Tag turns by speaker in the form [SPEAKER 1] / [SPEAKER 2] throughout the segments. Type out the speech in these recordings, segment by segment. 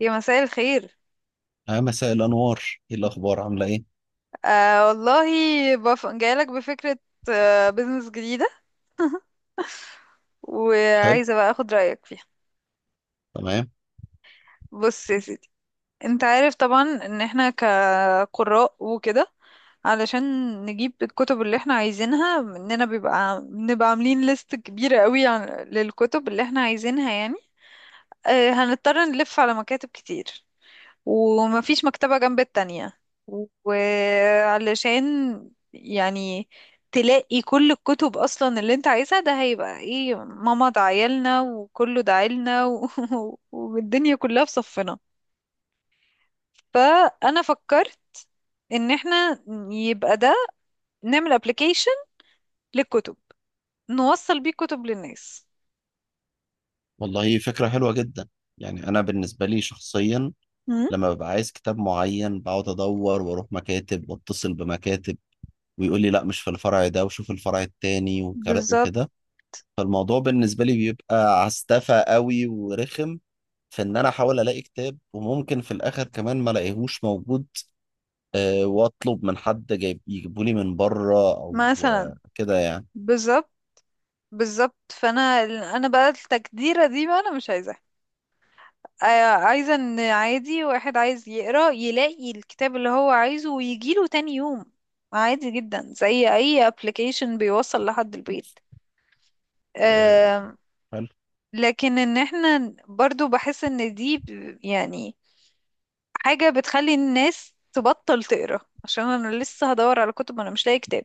[SPEAKER 1] يا مساء الخير.
[SPEAKER 2] مساء الأنوار. إيه الأخبار عاملة إيه؟
[SPEAKER 1] آه والله، جايلك بفكرة. بزنس جديدة،
[SPEAKER 2] حلو.
[SPEAKER 1] وعايزة بقى اخد رأيك فيها.
[SPEAKER 2] تمام.
[SPEAKER 1] بص يا سيدي، انت عارف طبعا ان احنا كقراء وكده. علشان نجيب الكتب اللي احنا عايزينها، اننا بنبقى عاملين ليست كبيرة قوي للكتب اللي احنا عايزينها يعني. هنضطر نلف على مكاتب كتير، ومفيش مكتبة جنب التانية. وعلشان يعني تلاقي كل الكتب أصلا اللي انت عايزها، ده هيبقى ايه؟ ماما دعيلنا وكله دعيلنا والدنيا كلها في صفنا. فأنا فكرت ان احنا يبقى ده نعمل ابلكيشن للكتب، نوصل بيه كتب للناس.
[SPEAKER 2] والله فكرة حلوة جدا. يعني أنا بالنسبة لي شخصيا
[SPEAKER 1] مم.
[SPEAKER 2] لما ببقى عايز كتاب معين بقعد أدور وأروح مكاتب وأتصل بمكاتب ويقول لي لا مش في الفرع ده وشوف الفرع التاني
[SPEAKER 1] بالظبط.
[SPEAKER 2] وكده. فالموضوع بالنسبة لي بيبقى عستفى قوي ورخم في إن أنا أحاول ألاقي كتاب وممكن في الآخر كمان ما ألاقيهوش موجود. وأطلب من حد جايب يجيبولي من بره أو
[SPEAKER 1] مثلا.
[SPEAKER 2] كده يعني.
[SPEAKER 1] بالظبط، بالظبط، انا بقى التجديرة دي بقى انا مش عايزاها. آه، عايزة ان عادي واحد عايز يقرأ يلاقي الكتاب اللي هو عايزه ويجيله تاني يوم. عادي جدا، زي اي ابلكيشن بيوصل لحد البيت.
[SPEAKER 2] آه،
[SPEAKER 1] آم،
[SPEAKER 2] حلو.
[SPEAKER 1] لكن ان احنا برضو بحس ان دي يعني حاجة بتخلي الناس تبطل تقرأ، عشان انا لسه هدور على كتب وانا مش لاقي كتاب.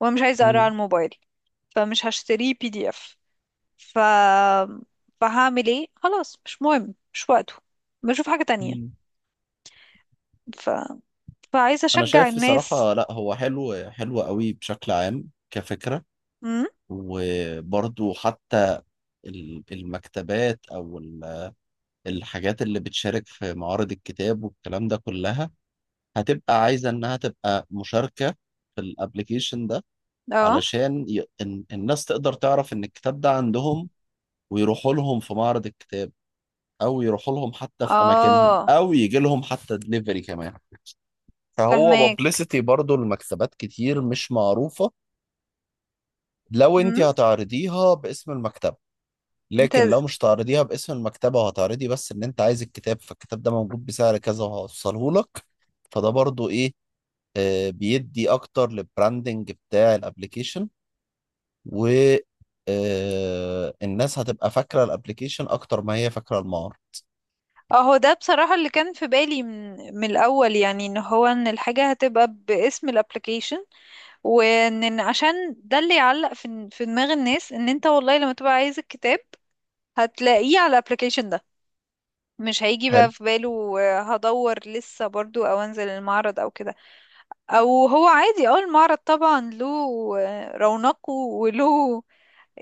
[SPEAKER 1] وانا مش عايزة اقرأ على الموبايل، فمش هشتريه بي دي اف. ف فهعمل ايه؟ خلاص، مش مهم، مش وقته، بشوف حاجة
[SPEAKER 2] مم.
[SPEAKER 1] تانية. فعايزة
[SPEAKER 2] انا
[SPEAKER 1] اشجع
[SPEAKER 2] شايف
[SPEAKER 1] الناس.
[SPEAKER 2] بصراحة لا هو حلو حلو قوي بشكل عام كفكرة.
[SPEAKER 1] امم.
[SPEAKER 2] وبرضو حتى المكتبات او الحاجات اللي بتشارك في معارض الكتاب والكلام ده كلها هتبقى عايزة انها تبقى مشاركة في الابليكيشن ده.
[SPEAKER 1] اه،
[SPEAKER 2] علشان الناس تقدر تعرف ان الكتاب ده عندهم ويروحوا لهم في معرض الكتاب او يروحوا لهم حتى في اماكنهم
[SPEAKER 1] اه.
[SPEAKER 2] او يجي لهم حتى دليفري كمان. فهو
[SPEAKER 1] فهماك.
[SPEAKER 2] بابليستي برضو المكتبات كتير مش معروفة. لو انت
[SPEAKER 1] امم.
[SPEAKER 2] هتعرضيها باسم المكتبة.
[SPEAKER 1] انت.
[SPEAKER 2] لكن لو مش هتعرضيها باسم المكتبة وهتعرضي بس ان انت عايز الكتاب فالكتاب ده موجود بسعر كذا وهوصله لك. فده برضو ايه. بيدي اكتر للبراندنج بتاع الابليكيشن. و الناس هتبقى فاكرة الابليكيشن اكتر ما هي فاكرة المعرض.
[SPEAKER 1] اهو ده بصراحة اللي كان في بالي من الاول، يعني ان هو ان الحاجة هتبقى باسم الابليكيشن. وان عشان ده اللي يعلق في دماغ الناس ان انت والله لما تبقى عايز الكتاب هتلاقيه على الابليكيشن ده. مش هيجي
[SPEAKER 2] حلو.
[SPEAKER 1] بقى في باله هدور لسه برضو او انزل المعرض او كده. او هو عادي المعرض طبعا له رونقه وله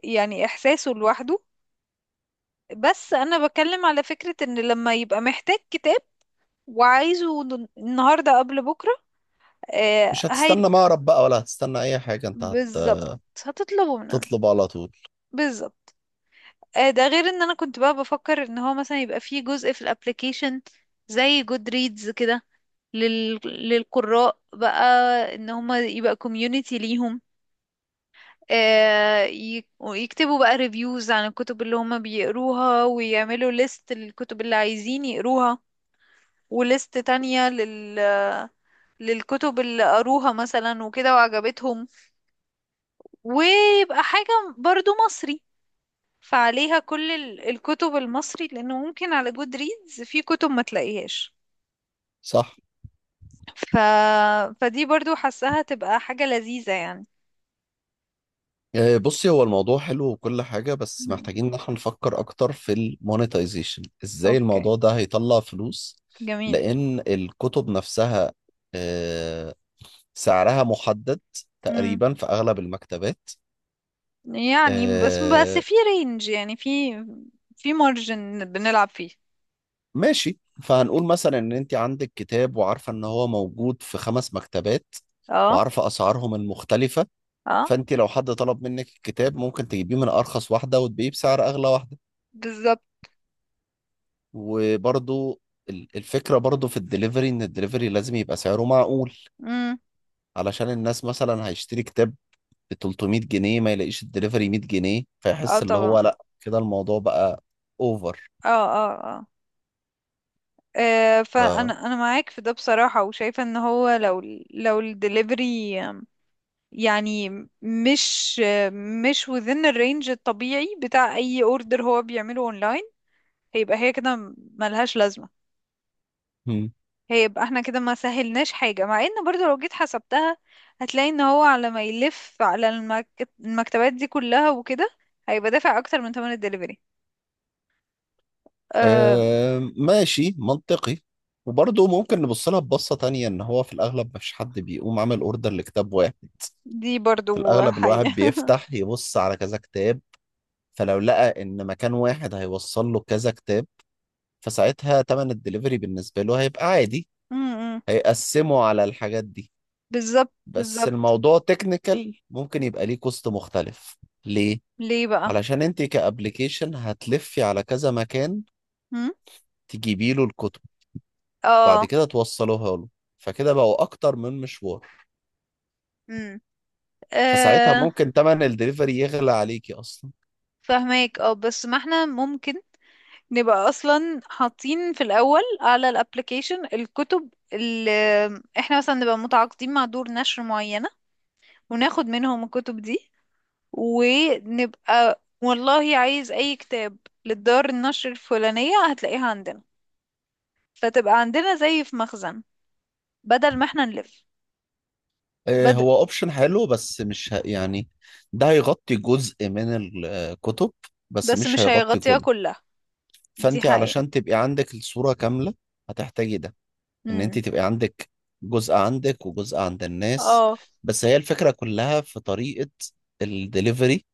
[SPEAKER 1] يعني إحساسه لوحده. بس أنا بتكلم على فكرة إن لما يبقى محتاج كتاب وعايزه النهاردة قبل بكرة. آه
[SPEAKER 2] مش
[SPEAKER 1] هي.
[SPEAKER 2] هتستنى معرض بقى ولا هتستنى اي حاجة انت
[SPEAKER 1] بالظبط، هتطلبه من عنده.
[SPEAKER 2] هتطلب على طول.
[SPEAKER 1] بالظبط. ده غير إن أنا كنت بقى بفكر إن هو مثلا يبقى فيه جزء في الابليكيشن زي جود ريدز كده، للقراء بقى. ان هما يبقى كوميونيتي ليهم، ويكتبوا بقى ريفيوز عن الكتب اللي هما بيقروها، ويعملوا ليست الكتب اللي عايزين يقروها، وليست تانية للكتب اللي قروها مثلا وكده وعجبتهم. ويبقى حاجة برضو مصري، فعليها كل الكتب المصري، لأنه ممكن على جود ريدز في كتب ما تلاقيهاش.
[SPEAKER 2] صح.
[SPEAKER 1] ف... فدي برضو حاساها تبقى حاجة لذيذة يعني.
[SPEAKER 2] بصي هو الموضوع حلو وكل حاجة بس
[SPEAKER 1] مم.
[SPEAKER 2] محتاجين ان احنا نفكر اكتر في المونetization ازاي
[SPEAKER 1] اوكي،
[SPEAKER 2] الموضوع ده هيطلع فلوس.
[SPEAKER 1] جميل.
[SPEAKER 2] لان الكتب نفسها آه، سعرها محدد
[SPEAKER 1] مم.
[SPEAKER 2] تقريبا في اغلب المكتبات.
[SPEAKER 1] يعني بس
[SPEAKER 2] آه،
[SPEAKER 1] في رينج، يعني في مارجن بنلعب فيه.
[SPEAKER 2] ماشي فهنقول مثلا ان انت عندك كتاب وعارفة ان هو موجود في 5 مكتبات
[SPEAKER 1] اه.
[SPEAKER 2] وعارفة اسعارهم المختلفة.
[SPEAKER 1] اه.
[SPEAKER 2] فانت لو حد طلب منك الكتاب ممكن تجيبيه من ارخص واحدة وتبيعيه بسعر اغلى واحدة.
[SPEAKER 1] بالظبط.
[SPEAKER 2] وبرضو الفكرة برضو في الدليفري ان الدليفري لازم يبقى سعره معقول.
[SPEAKER 1] مم.
[SPEAKER 2] علشان الناس مثلا هيشتري كتاب ب 300 جنيه ما يلاقيش الدليفري 100 جنيه
[SPEAKER 1] اه
[SPEAKER 2] فيحس اللي هو
[SPEAKER 1] طبعا.
[SPEAKER 2] لا كده الموضوع بقى اوفر.
[SPEAKER 1] اه، اه، اه.
[SPEAKER 2] ف...
[SPEAKER 1] انا معاك في ده بصراحة، وشايفة ان هو لو لو الدليفري يعني مش مش within الرينج الطبيعي بتاع اي اوردر هو بيعمله اونلاين، هيبقى هي كده ملهاش لازمة.
[SPEAKER 2] هم.
[SPEAKER 1] هيبقى احنا كده ما سهلناش حاجة، مع ان برضو لو جيت حسبتها هتلاقي ان هو على ما يلف على المكتبات دي كلها وكده هيبقى دافع اكتر من ثمن الدليفري. أه.
[SPEAKER 2] ماشي منطقي. وبرضه ممكن نبص لها ببصة تانية إن هو في الأغلب مفيش حد بيقوم عامل أوردر لكتاب واحد.
[SPEAKER 1] دي
[SPEAKER 2] في
[SPEAKER 1] برضو
[SPEAKER 2] الأغلب الواحد
[SPEAKER 1] حقيقة.
[SPEAKER 2] بيفتح يبص على كذا كتاب فلو لقى إن مكان واحد هيوصل له كذا كتاب فساعتها تمن الدليفري بالنسبة له هيبقى عادي.
[SPEAKER 1] م- م.
[SPEAKER 2] هيقسمه على الحاجات دي.
[SPEAKER 1] بالظبط،
[SPEAKER 2] بس
[SPEAKER 1] بالظبط.
[SPEAKER 2] الموضوع تكنيكال ممكن يبقى ليه كوست مختلف. ليه؟
[SPEAKER 1] ليه بقى؟
[SPEAKER 2] علشان انت كأبليكيشن هتلفي على كذا مكان تجيبي له الكتب بعد
[SPEAKER 1] اه.
[SPEAKER 2] كده توصلوها له فكده بقوا أكتر من مشوار.
[SPEAKER 1] امم.
[SPEAKER 2] فساعتها
[SPEAKER 1] آه
[SPEAKER 2] ممكن تمن الدليفري يغلى عليكي أصلا.
[SPEAKER 1] فهماك. اه بس ما احنا ممكن نبقى اصلا حاطين في الاول على الابليكيشن الكتب اللي احنا مثلا نبقى متعاقدين مع دور نشر معينة، وناخد منهم الكتب دي. ونبقى والله عايز اي كتاب للدار النشر الفلانية هتلاقيها عندنا، فتبقى عندنا زي في مخزن، بدل ما احنا نلف. بد...
[SPEAKER 2] هو أوبشن حلو بس مش يعني ده هيغطي جزء من الكتب بس
[SPEAKER 1] بس
[SPEAKER 2] مش
[SPEAKER 1] مش
[SPEAKER 2] هيغطي
[SPEAKER 1] هيغطيها
[SPEAKER 2] كله.
[SPEAKER 1] كلها. دي
[SPEAKER 2] فانت
[SPEAKER 1] حقيقة.
[SPEAKER 2] علشان تبقي عندك الصورة كاملة هتحتاجي ده ان انت
[SPEAKER 1] امم.
[SPEAKER 2] تبقي عندك جزء عندك وجزء عند الناس.
[SPEAKER 1] اه.
[SPEAKER 2] بس هي الفكرة كلها في طريقة الدليفري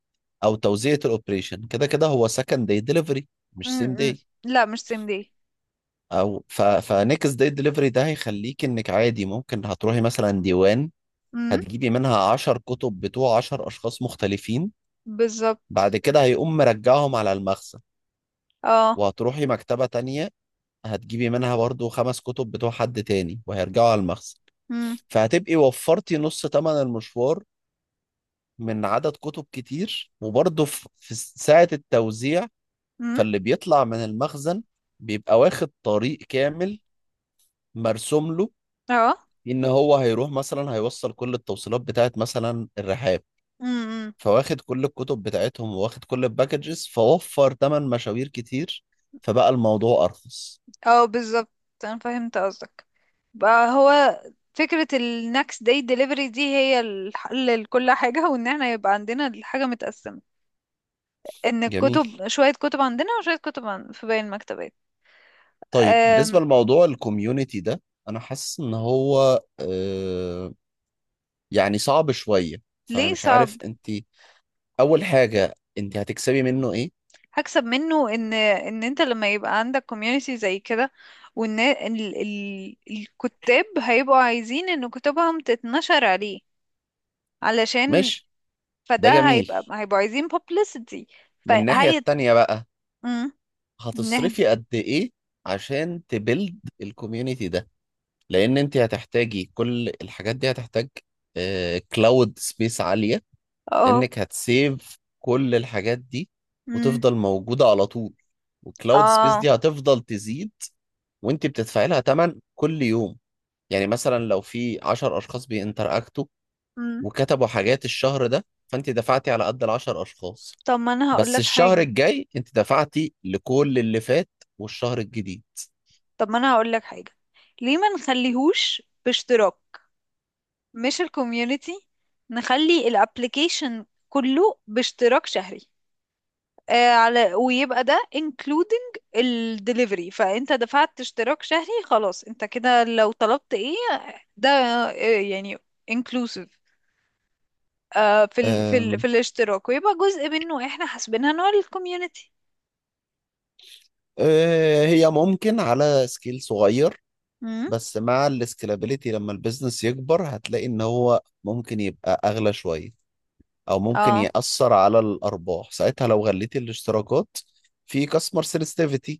[SPEAKER 2] او توزيعة الاوبريشن كده كده هو سكند داي دليفري مش
[SPEAKER 1] امم.
[SPEAKER 2] سيم
[SPEAKER 1] امم.
[SPEAKER 2] داي.
[SPEAKER 1] لا مش سيم دي.
[SPEAKER 2] او فنكس داي دليفري ده هيخليك انك عادي ممكن هتروحي مثلا ديوان هتجيبي منها 10 كتب بتوع 10 اشخاص مختلفين. بعد
[SPEAKER 1] بالظبط.
[SPEAKER 2] كده هيقوم مرجعهم على المخزن.
[SPEAKER 1] اه.
[SPEAKER 2] وهتروحي مكتبة تانية هتجيبي منها برضو 5 كتب بتوع حد تاني وهيرجعوا على المخزن.
[SPEAKER 1] امم.
[SPEAKER 2] فهتبقي وفرتي نص تمن المشوار من عدد كتب كتير وبرضو في ساعة التوزيع.
[SPEAKER 1] امم.
[SPEAKER 2] فاللي بيطلع من المخزن بيبقى واخد طريق كامل مرسوم له
[SPEAKER 1] اه.
[SPEAKER 2] إن هو هيروح مثلا هيوصل كل التوصيلات بتاعت مثلا الرحاب.
[SPEAKER 1] امم.
[SPEAKER 2] فواخد كل الكتب بتاعتهم وواخد كل الباكجز فوفر تمن مشاوير كتير. فبقى الموضوع أرخص.
[SPEAKER 1] اه بالظبط، انا فهمت قصدك. بقى هو فكرة ال next day delivery دي هي الحل لكل حاجة، وان احنا يبقى عندنا الحاجة متقسمة، ان
[SPEAKER 2] جميل.
[SPEAKER 1] الكتب شوية كتب عندنا وشوية كتب في باقي المكتبات.
[SPEAKER 2] طيب بالنسبة
[SPEAKER 1] أم...
[SPEAKER 2] لموضوع الكوميونتي ده أنا حاسس إن هو يعني صعب شوية. فأنا
[SPEAKER 1] ليه
[SPEAKER 2] مش
[SPEAKER 1] صعب؟
[SPEAKER 2] عارف أنت. أول حاجة أنت هتكسبي منه إيه؟
[SPEAKER 1] هكسب منه ان انت لما يبقى عندك community زي كده، وان الكتاب هيبقوا عايزين ان كتبهم تتنشر عليه، علشان.
[SPEAKER 2] ماشي. ده
[SPEAKER 1] فده
[SPEAKER 2] جميل.
[SPEAKER 1] هيبقوا عايزين publicity.
[SPEAKER 2] من الناحية
[SPEAKER 1] فهي.
[SPEAKER 2] التانية بقى
[SPEAKER 1] امم. نه
[SPEAKER 2] هتصرفي قد إيه عشان تبيلد الكوميونتي ده؟ لأن أنت هتحتاجي كل الحاجات دي هتحتاج كلاود سبيس عالية.
[SPEAKER 1] اه.
[SPEAKER 2] لأنك هتسيف كل الحاجات دي
[SPEAKER 1] امم.
[SPEAKER 2] وتفضل موجودة على طول. والكلاود سبيس
[SPEAKER 1] اه.
[SPEAKER 2] دي هتفضل تزيد وانت بتدفعي لها تمن كل يوم. يعني مثلا لو في 10 اشخاص بينتراكتوا
[SPEAKER 1] امم.
[SPEAKER 2] وكتبوا حاجات الشهر ده فانت دفعتي على قد ال 10 اشخاص.
[SPEAKER 1] طب ما انا هقول
[SPEAKER 2] بس
[SPEAKER 1] لك
[SPEAKER 2] الشهر
[SPEAKER 1] حاجة.
[SPEAKER 2] الجاي انت دفعتي لكل اللي فات والشهر الجديد.
[SPEAKER 1] طب ما انا هقول لك حاجة. ليه ما نخليهوش باشتراك؟ مش الكوميونتي، نخلي الابليكيشن كله باشتراك شهري. على، ويبقى ده including الدليفري، فانت دفعت اشتراك شهري خلاص. انت كده لو طلبت ايه، ده يعني inclusive
[SPEAKER 2] أم.
[SPEAKER 1] في الاشتراك، ويبقى جزء منه احنا حاسبينها نوع الكوميونتي.
[SPEAKER 2] أه، هي ممكن على سكيل صغير
[SPEAKER 1] امم.
[SPEAKER 2] بس مع السكيلابيليتي لما البيزنس يكبر هتلاقي ان هو ممكن يبقى اغلى شوية او ممكن
[SPEAKER 1] اه.
[SPEAKER 2] يأثر على الارباح ساعتها لو غليتي الاشتراكات. في كاستمر سنسitivities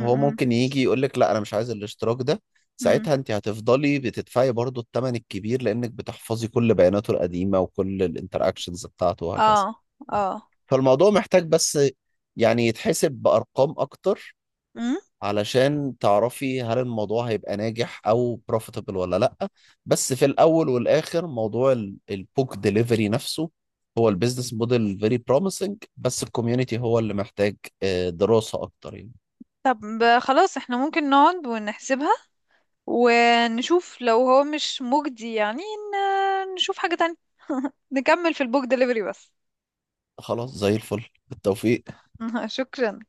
[SPEAKER 2] هو ممكن يجي يقول لك لا انا مش عايز الاشتراك ده.
[SPEAKER 1] امم.
[SPEAKER 2] ساعتها انت هتفضلي بتدفعي برضو الثمن الكبير لانك بتحفظي كل بياناته القديمه وكل الانتراكشنز بتاعته وهكذا.
[SPEAKER 1] اه. اه.
[SPEAKER 2] فالموضوع محتاج بس يعني يتحسب بارقام اكتر
[SPEAKER 1] امم.
[SPEAKER 2] علشان تعرفي هل الموضوع هيبقى ناجح او بروفيتبل ولا لا. بس في الاول والاخر موضوع البوك ديليفري نفسه هو البيزنس موديل فيري بروميسنج بس الكوميونتي هو اللي محتاج دراسة اكتر يعني.
[SPEAKER 1] طب خلاص احنا ممكن نقعد ونحسبها، ونشوف لو هو مش مجدي يعني نشوف حاجة تانية. نكمل في البوك دليفري بس.
[SPEAKER 2] خلاص زي الفل بالتوفيق.
[SPEAKER 1] شكرا.